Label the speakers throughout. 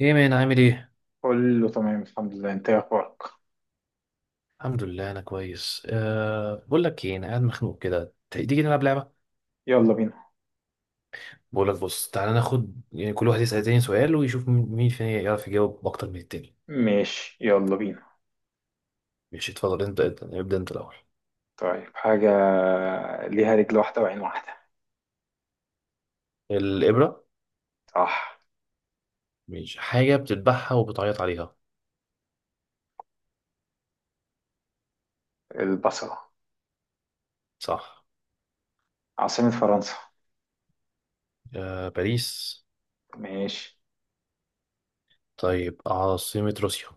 Speaker 1: ايه مان، عامل ايه؟
Speaker 2: كله تمام، الحمد لله. انت ايه اخبارك؟
Speaker 1: الحمد لله، انا كويس. بقول لك ايه، انا قاعد مخنوق كده. تيجي نلعب لعبه.
Speaker 2: يلا بينا.
Speaker 1: بقول لك بص، تعالى ناخد يعني كل واحد يسأل التاني سؤال ويشوف مين مين فينا يعرف يجاوب اكتر من التاني.
Speaker 2: ماشي، يلا بينا.
Speaker 1: ماشي، اتفضل. ابدا انت الاول.
Speaker 2: طيب، حاجة ليها رجل واحدة وعين واحدة.
Speaker 1: الابره.
Speaker 2: صح.
Speaker 1: ماشي، حاجه بتذبحها وبتعيط عليها؟
Speaker 2: البصلة.
Speaker 1: صح.
Speaker 2: عاصمة فرنسا؟
Speaker 1: أه، باريس.
Speaker 2: ماشي.
Speaker 1: طيب، عاصمه روسيا؟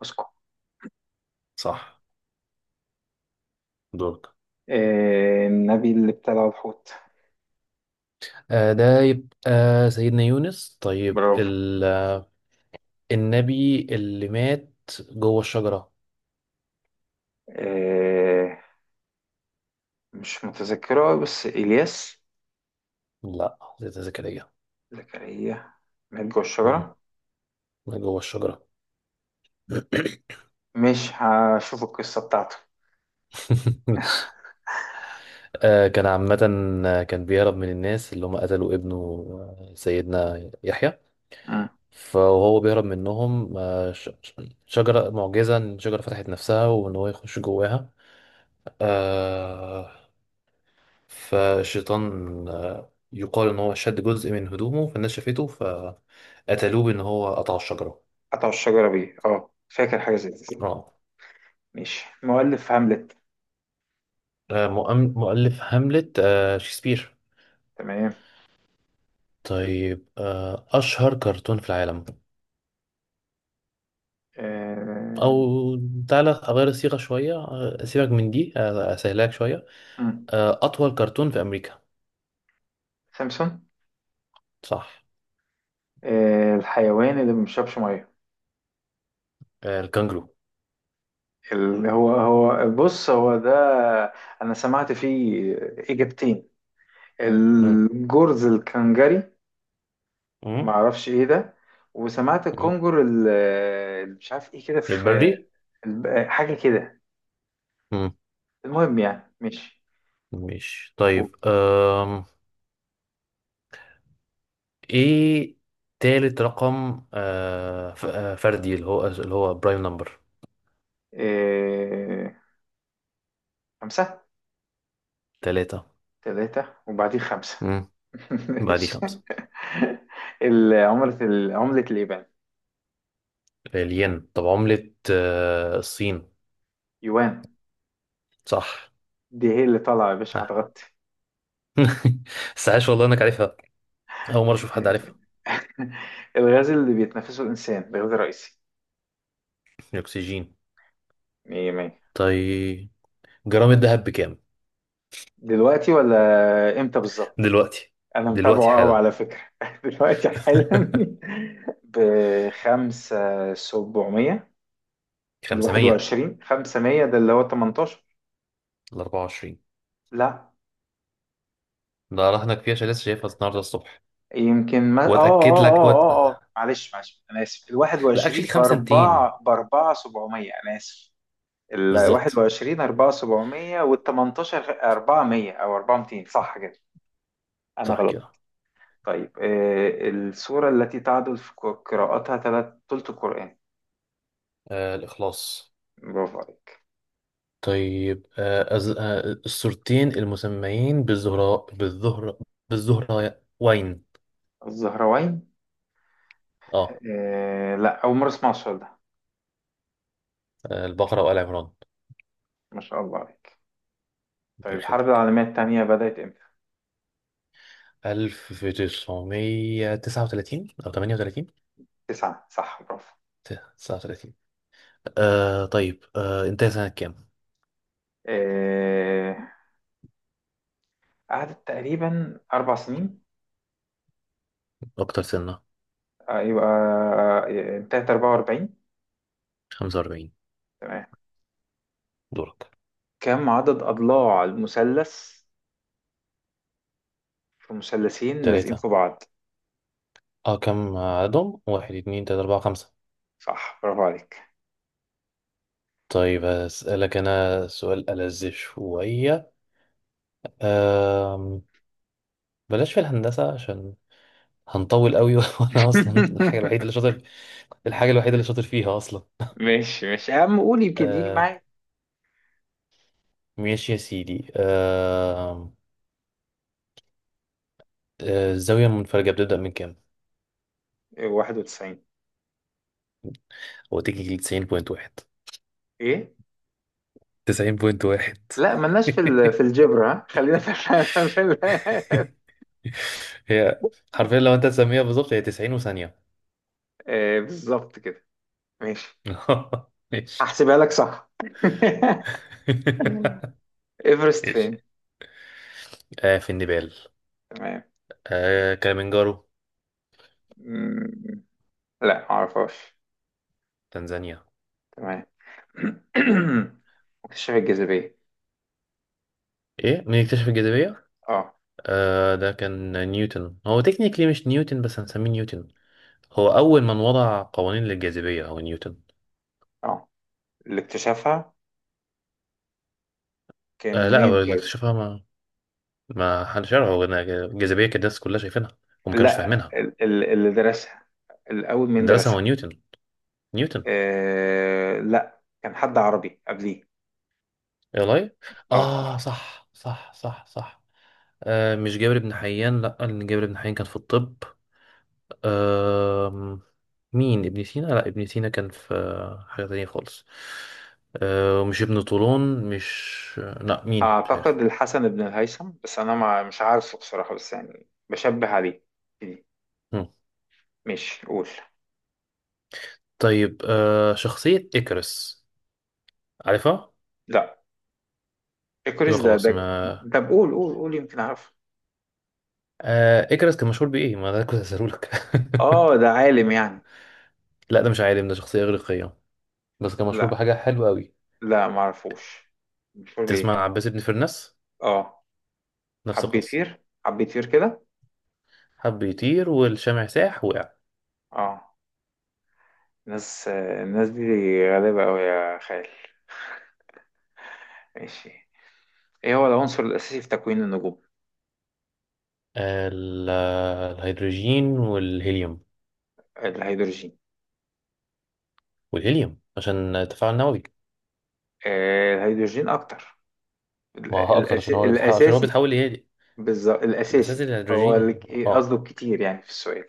Speaker 2: موسكو.
Speaker 1: صح. دورك.
Speaker 2: النبي اللي ابتلع الحوت.
Speaker 1: أه، ده يبقى سيدنا يونس. طيب،
Speaker 2: برافو.
Speaker 1: النبي اللي مات جوه الشجره.
Speaker 2: آه، مش متذكرة، بس إلياس.
Speaker 1: لا، زيادة ذكرية.
Speaker 2: زكريا. مات جوه
Speaker 1: مم.
Speaker 2: الشجرة.
Speaker 1: جوه الشجرة.
Speaker 2: مش هشوف القصة بتاعته.
Speaker 1: كان عامة. كان بيهرب من الناس اللي هم قتلوا ابنه. سيدنا يحيى.
Speaker 2: مم.
Speaker 1: فهو بيهرب منهم، شجرة معجزة، إن الشجرة فتحت نفسها وإن هو يخش جواها. آه، فالشيطان، يقال إن هو شد جزء من هدومه، فالناس شافته فقتلوه بإن هو قطع الشجرة.
Speaker 2: قطعوا الشجرة بيه، اه، فاكر حاجة زي دي.
Speaker 1: آه.
Speaker 2: ماشي. مؤلف هاملت؟
Speaker 1: مؤلف هاملت، شكسبير.
Speaker 2: تمام.
Speaker 1: طيب، أشهر كرتون في العالم.
Speaker 2: آه.
Speaker 1: أو تعالى أغير الصيغة شوية، سيبك من دي، أسهلك شوية.
Speaker 2: مم.
Speaker 1: أطول كرتون في أمريكا.
Speaker 2: سامسون.
Speaker 1: صح.
Speaker 2: آه، الحيوان اللي ما بيشربش ميه؟
Speaker 1: الكانجرو.
Speaker 2: اللي هو بص، هو ده. انا سمعت فيه اجابتين.
Speaker 1: مم.
Speaker 2: الجرز الكنجري. ما
Speaker 1: مم.
Speaker 2: اعرفش ايه ده. وسمعت
Speaker 1: مم.
Speaker 2: الكونجر اللي مش عارف ايه كده، في
Speaker 1: البري.
Speaker 2: حاجه كده.
Speaker 1: مم.
Speaker 2: المهم يعني، ماشي.
Speaker 1: ماشي.
Speaker 2: و-
Speaker 1: طيب، إيه تالت رقم فردي، اللي هو برايم نمبر.
Speaker 2: آه، خمسه.
Speaker 1: تلاتة.
Speaker 2: ثلاثه وبعدين خمسه.
Speaker 1: مم. بعديه
Speaker 2: ماشي.
Speaker 1: خمسة.
Speaker 2: عمله اليابان؟
Speaker 1: الين. طب، عملة الصين؟
Speaker 2: يوان.
Speaker 1: صح.
Speaker 2: دي هي اللي طالعة يا باشا،
Speaker 1: آه.
Speaker 2: هتغطي.
Speaker 1: بس عاش والله انك عارفها. اول مره اشوف حد عارفها.
Speaker 2: الغاز اللي بيتنفسه الإنسان، الغاز الرئيسي؟
Speaker 1: الاكسجين.
Speaker 2: مية مية.
Speaker 1: طيب، جرام الذهب بكام؟
Speaker 2: دلوقتي ولا إمتى بالظبط؟
Speaker 1: دلوقتي.
Speaker 2: أنا
Speaker 1: دلوقتي
Speaker 2: متابعه أوي
Speaker 1: حالا.
Speaker 2: على فكرة، دلوقتي حالا. بخمسة، سبعمية. الواحد
Speaker 1: 500
Speaker 2: وعشرين خمسة مية، ده اللي هو تمنتاشر.
Speaker 1: ل 24.
Speaker 2: لا.
Speaker 1: ده راح هناك فيها عشان لسه شايفها النهارده الصبح.
Speaker 2: يمكن، ما
Speaker 1: واتاكد لك وات...
Speaker 2: معلش معلش، أنا آسف. الواحد
Speaker 1: لا اكشلي
Speaker 2: وعشرين
Speaker 1: 5200.
Speaker 2: بأربعة سبعمية، أنا آسف. ال
Speaker 1: بالظبط.
Speaker 2: 21 4 700 وال 18 400 او 400، صح كده. انا
Speaker 1: صح
Speaker 2: غلط.
Speaker 1: كده.
Speaker 2: طيب، السورة التي تعدل في قراءتها ثلث القرآن.
Speaker 1: آه، الاخلاص.
Speaker 2: برافو عليك.
Speaker 1: طيب، آه أز... آه الصورتين المسميين بالزهراء وين؟
Speaker 2: الزهراوين.
Speaker 1: اه.
Speaker 2: آه لا، اول مرة اسمع السؤال ده.
Speaker 1: البقرة وآل عمران.
Speaker 2: ما شاء الله عليك. طيب، الحرب
Speaker 1: بيخليك.
Speaker 2: العالمية الثانية بدأت امتى؟
Speaker 1: 1939 أو 38،
Speaker 2: تسعة، صح، برافو.
Speaker 1: 39. طيب انت سنة كام؟
Speaker 2: آه قعدت تقريبا أربع سنين.
Speaker 1: أكتر سنة.
Speaker 2: يبقى. انتهت 44.
Speaker 1: 45.
Speaker 2: تمام.
Speaker 1: دورك.
Speaker 2: كم عدد أضلاع المثلث في مثلثين لازقين
Speaker 1: تلاتة.
Speaker 2: في بعض؟
Speaker 1: اه كم عددهم؟ واحد، اتنين، تلاتة، أربعة، خمسة.
Speaker 2: صح، برافو عليك.
Speaker 1: طيب، هسألك أنا سؤال ألذ شوية. آه. بلاش في الهندسة عشان هنطول قوي. وأنا أصلا الحاجة الوحيدة اللي شاطر، الحاجة الوحيدة اللي شاطر فيها أصلا.
Speaker 2: ماشي ماشي يا عم، قول، يمكن يجي
Speaker 1: آه،
Speaker 2: معايا.
Speaker 1: ماشي يا سيدي. الزاوية المنفرجة بتبدأ من كام؟
Speaker 2: 91.
Speaker 1: هو تيجي 90.1.
Speaker 2: ايه؟
Speaker 1: 90.1.
Speaker 2: لا، ملناش في في الجبر، ها، خلينا في في
Speaker 1: هي حرفيا لو انت تسميها بالظبط، هي 90 وثانية.
Speaker 2: بالظبط كده. ماشي.
Speaker 1: ماشي.
Speaker 2: هحسبها لك، صح. ايفرست
Speaker 1: ماشي.
Speaker 2: فين؟
Speaker 1: آه، في النيبال.
Speaker 2: تمام.
Speaker 1: آه، كليمنجارو.
Speaker 2: مم. لا، معرفهاش.
Speaker 1: تنزانيا.
Speaker 2: تمام. اكتشاف الجاذبية؟
Speaker 1: ايه، مين اكتشف الجاذبية؟
Speaker 2: اه.
Speaker 1: آه، ده كان نيوتن. هو تكنيكلي مش نيوتن، بس هنسميه نيوتن. هو أول من وضع قوانين للجاذبية هو نيوتن.
Speaker 2: اه، اللي اكتشفها
Speaker 1: آه
Speaker 2: كان
Speaker 1: لا،
Speaker 2: مين؟
Speaker 1: هو اللي اكتشفها، ما حدش يعرف هو إنها الجاذبية، كانت الناس كلها شايفينها وما كانوش
Speaker 2: لا،
Speaker 1: فاهمينها.
Speaker 2: اللي درسها، الأول من
Speaker 1: درسها هو
Speaker 2: درسها.
Speaker 1: نيوتن. نيوتن.
Speaker 2: آه لا، كان حد عربي قبليه.
Speaker 1: ايه والله.
Speaker 2: اه،
Speaker 1: اه، صح صح صح صح. آه، مش جابر بن حيان، لا، لان جابر بن حيان كان في الطب. آه، مين؟ ابن سينا؟ لا، ابن سينا كان في حاجة تانية خالص. آه، مش ابن طولون، مش آه، لا، مين؟ مش
Speaker 2: أعتقد
Speaker 1: عارف.
Speaker 2: الحسن بن الهيثم، بس أنا ما مش عارفه بصراحة، بس يعني بشبه عليه.
Speaker 1: مم.
Speaker 2: مش قول.
Speaker 1: طيب، آه، شخصية إكرس، عارفها؟
Speaker 2: لا. إكريس،
Speaker 1: يبقى
Speaker 2: ده
Speaker 1: خلاص
Speaker 2: ده
Speaker 1: ما.
Speaker 2: طب قول قول قول، يمكن أعرفه.
Speaker 1: إكرس كان مشهور بإيه؟ ما ده كنت هسألهولك.
Speaker 2: اه، ده عالم يعني؟
Speaker 1: لا، ده مش عالم، ده شخصية إغريقية، بس كان مشهور
Speaker 2: لا.
Speaker 1: بحاجة حلوة أوي.
Speaker 2: لا، ما أعرفوش. مشهور
Speaker 1: تسمع
Speaker 2: بإيه؟
Speaker 1: عن عباس بن فرناس؟
Speaker 2: اه،
Speaker 1: نفس القصة.
Speaker 2: حبيتير حبيتير كده.
Speaker 1: حب يطير والشمع ساح، وقع.
Speaker 2: اه. الناس الناس دي غريبة أوي يا خال. ماشي. ايه هو العنصر الاساسي في تكوين النجوم؟
Speaker 1: ال- الهيدروجين والهيليوم.
Speaker 2: الهيدروجين.
Speaker 1: والهيليوم عشان تفاعل نووي.
Speaker 2: الهيدروجين اكتر.
Speaker 1: ما هو اكتر عشان هو اللي بيتحول، عشان هو
Speaker 2: الاساسي.
Speaker 1: بيتحول لهيلي.
Speaker 2: بالظبط،
Speaker 1: الاساسي
Speaker 2: الاساسي. هو اللي
Speaker 1: الهيدروجين،
Speaker 2: إيه
Speaker 1: اه.
Speaker 2: قصده كتير يعني في السؤال؟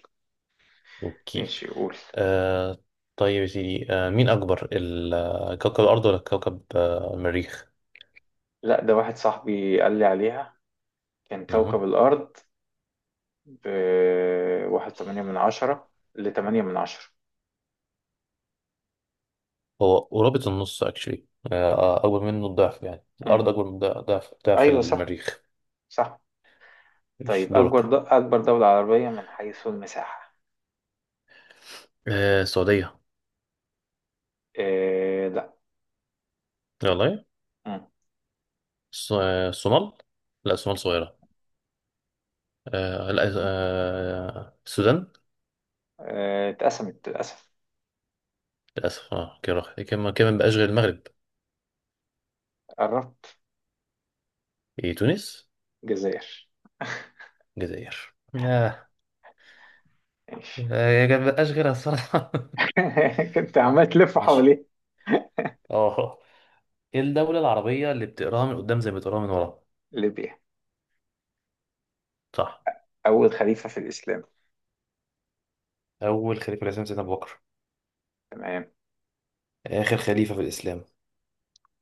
Speaker 1: اوكي.
Speaker 2: ماشي، قول.
Speaker 1: آه، طيب يا سيدي، مين اكبر، كوكب الارض ولا كوكب المريخ؟
Speaker 2: لا، ده واحد صاحبي قال لي عليها. كان
Speaker 1: مهم.
Speaker 2: كوكب الارض. ب واحد تمانية من عشرة، لتمانية من عشرة.
Speaker 1: هو قرابة النص اكشلي. اكبر منه الضعف، يعني
Speaker 2: مم.
Speaker 1: الارض اكبر من ضعف
Speaker 2: ايوه صح.
Speaker 1: المريخ.
Speaker 2: صح.
Speaker 1: مش
Speaker 2: طيب،
Speaker 1: دورك؟
Speaker 2: اكبر دولة عربية من حيث المساحة؟
Speaker 1: آه، السعودية.
Speaker 2: آه لا.
Speaker 1: والله.
Speaker 2: مم.
Speaker 1: الصومال. لا، الصومال صغيرة. آه لا آه السودان.
Speaker 2: اتقسمت للاسف.
Speaker 1: للأسف. اه، كده راح. كمان كمان بقاش غير المغرب.
Speaker 2: قربت.
Speaker 1: إيه، تونس.
Speaker 2: الجزائر.
Speaker 1: الجزائر. اه. يا جماعة مبقاش غيرها الصراحة.
Speaker 2: كنت عمال تلف
Speaker 1: ماشي.
Speaker 2: حواليه.
Speaker 1: اه. ايه الدولة العربية اللي بتقراها من قدام زي ما بتقراها من ورا؟
Speaker 2: ليبيا.
Speaker 1: صح.
Speaker 2: أول خليفة في الإسلام؟
Speaker 1: أول خليفة؟ لازم سيدنا أبو بكر.
Speaker 2: تمام.
Speaker 1: آخر خليفة في الإسلام.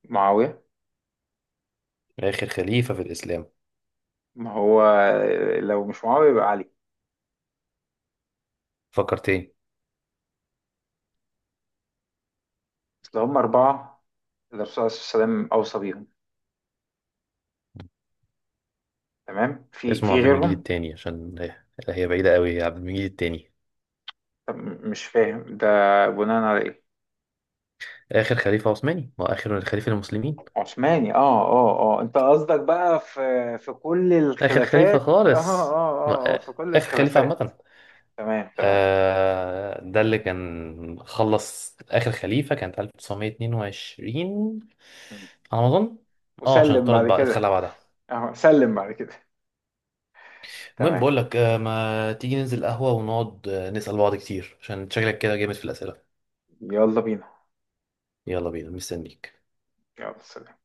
Speaker 2: معاوية.
Speaker 1: آخر خليفة في الإسلام.
Speaker 2: ما هو، لو مش معاوية يبقى علي.
Speaker 1: فكر تاني.
Speaker 2: أصل هم أربعة، اللي الرسول صلى الله عليه وسلم أوصى بيهم. تمام، في
Speaker 1: اسمه
Speaker 2: في
Speaker 1: عبد المجيد
Speaker 2: غيرهم.
Speaker 1: التاني، عشان هي، هي بعيدة قوي، هي عبد المجيد التاني.
Speaker 2: طب، مش فاهم ده. بناء على إيه؟
Speaker 1: آخر خليفة عثماني وآخر خليفة المسلمين.
Speaker 2: عثماني، اه اه اه، انت قصدك بقى في كل
Speaker 1: آخر
Speaker 2: الخلافات.
Speaker 1: خليفة
Speaker 2: اه اه
Speaker 1: خالص.
Speaker 2: اه،
Speaker 1: ما-
Speaker 2: في كل
Speaker 1: آخر خليفة
Speaker 2: الخلافات.
Speaker 1: عامة.
Speaker 2: تمام تمام.
Speaker 1: آه، ده اللي كان خلص آخر خليفة، كانت 1922 على ما أظن. اه، عشان
Speaker 2: وسلم بعد
Speaker 1: اتطرد، بعد اتخلى
Speaker 2: كده.
Speaker 1: بعدها.
Speaker 2: اه، سلم بعد كده.
Speaker 1: المهم،
Speaker 2: تمام.
Speaker 1: بقول لك ما تيجي ننزل قهوة ونقعد نسأل بعض كتير عشان شكلك كده جامد في الأسئلة.
Speaker 2: يلا بينا.
Speaker 1: يلا بينا، مستنيك.
Speaker 2: يلا، سلام.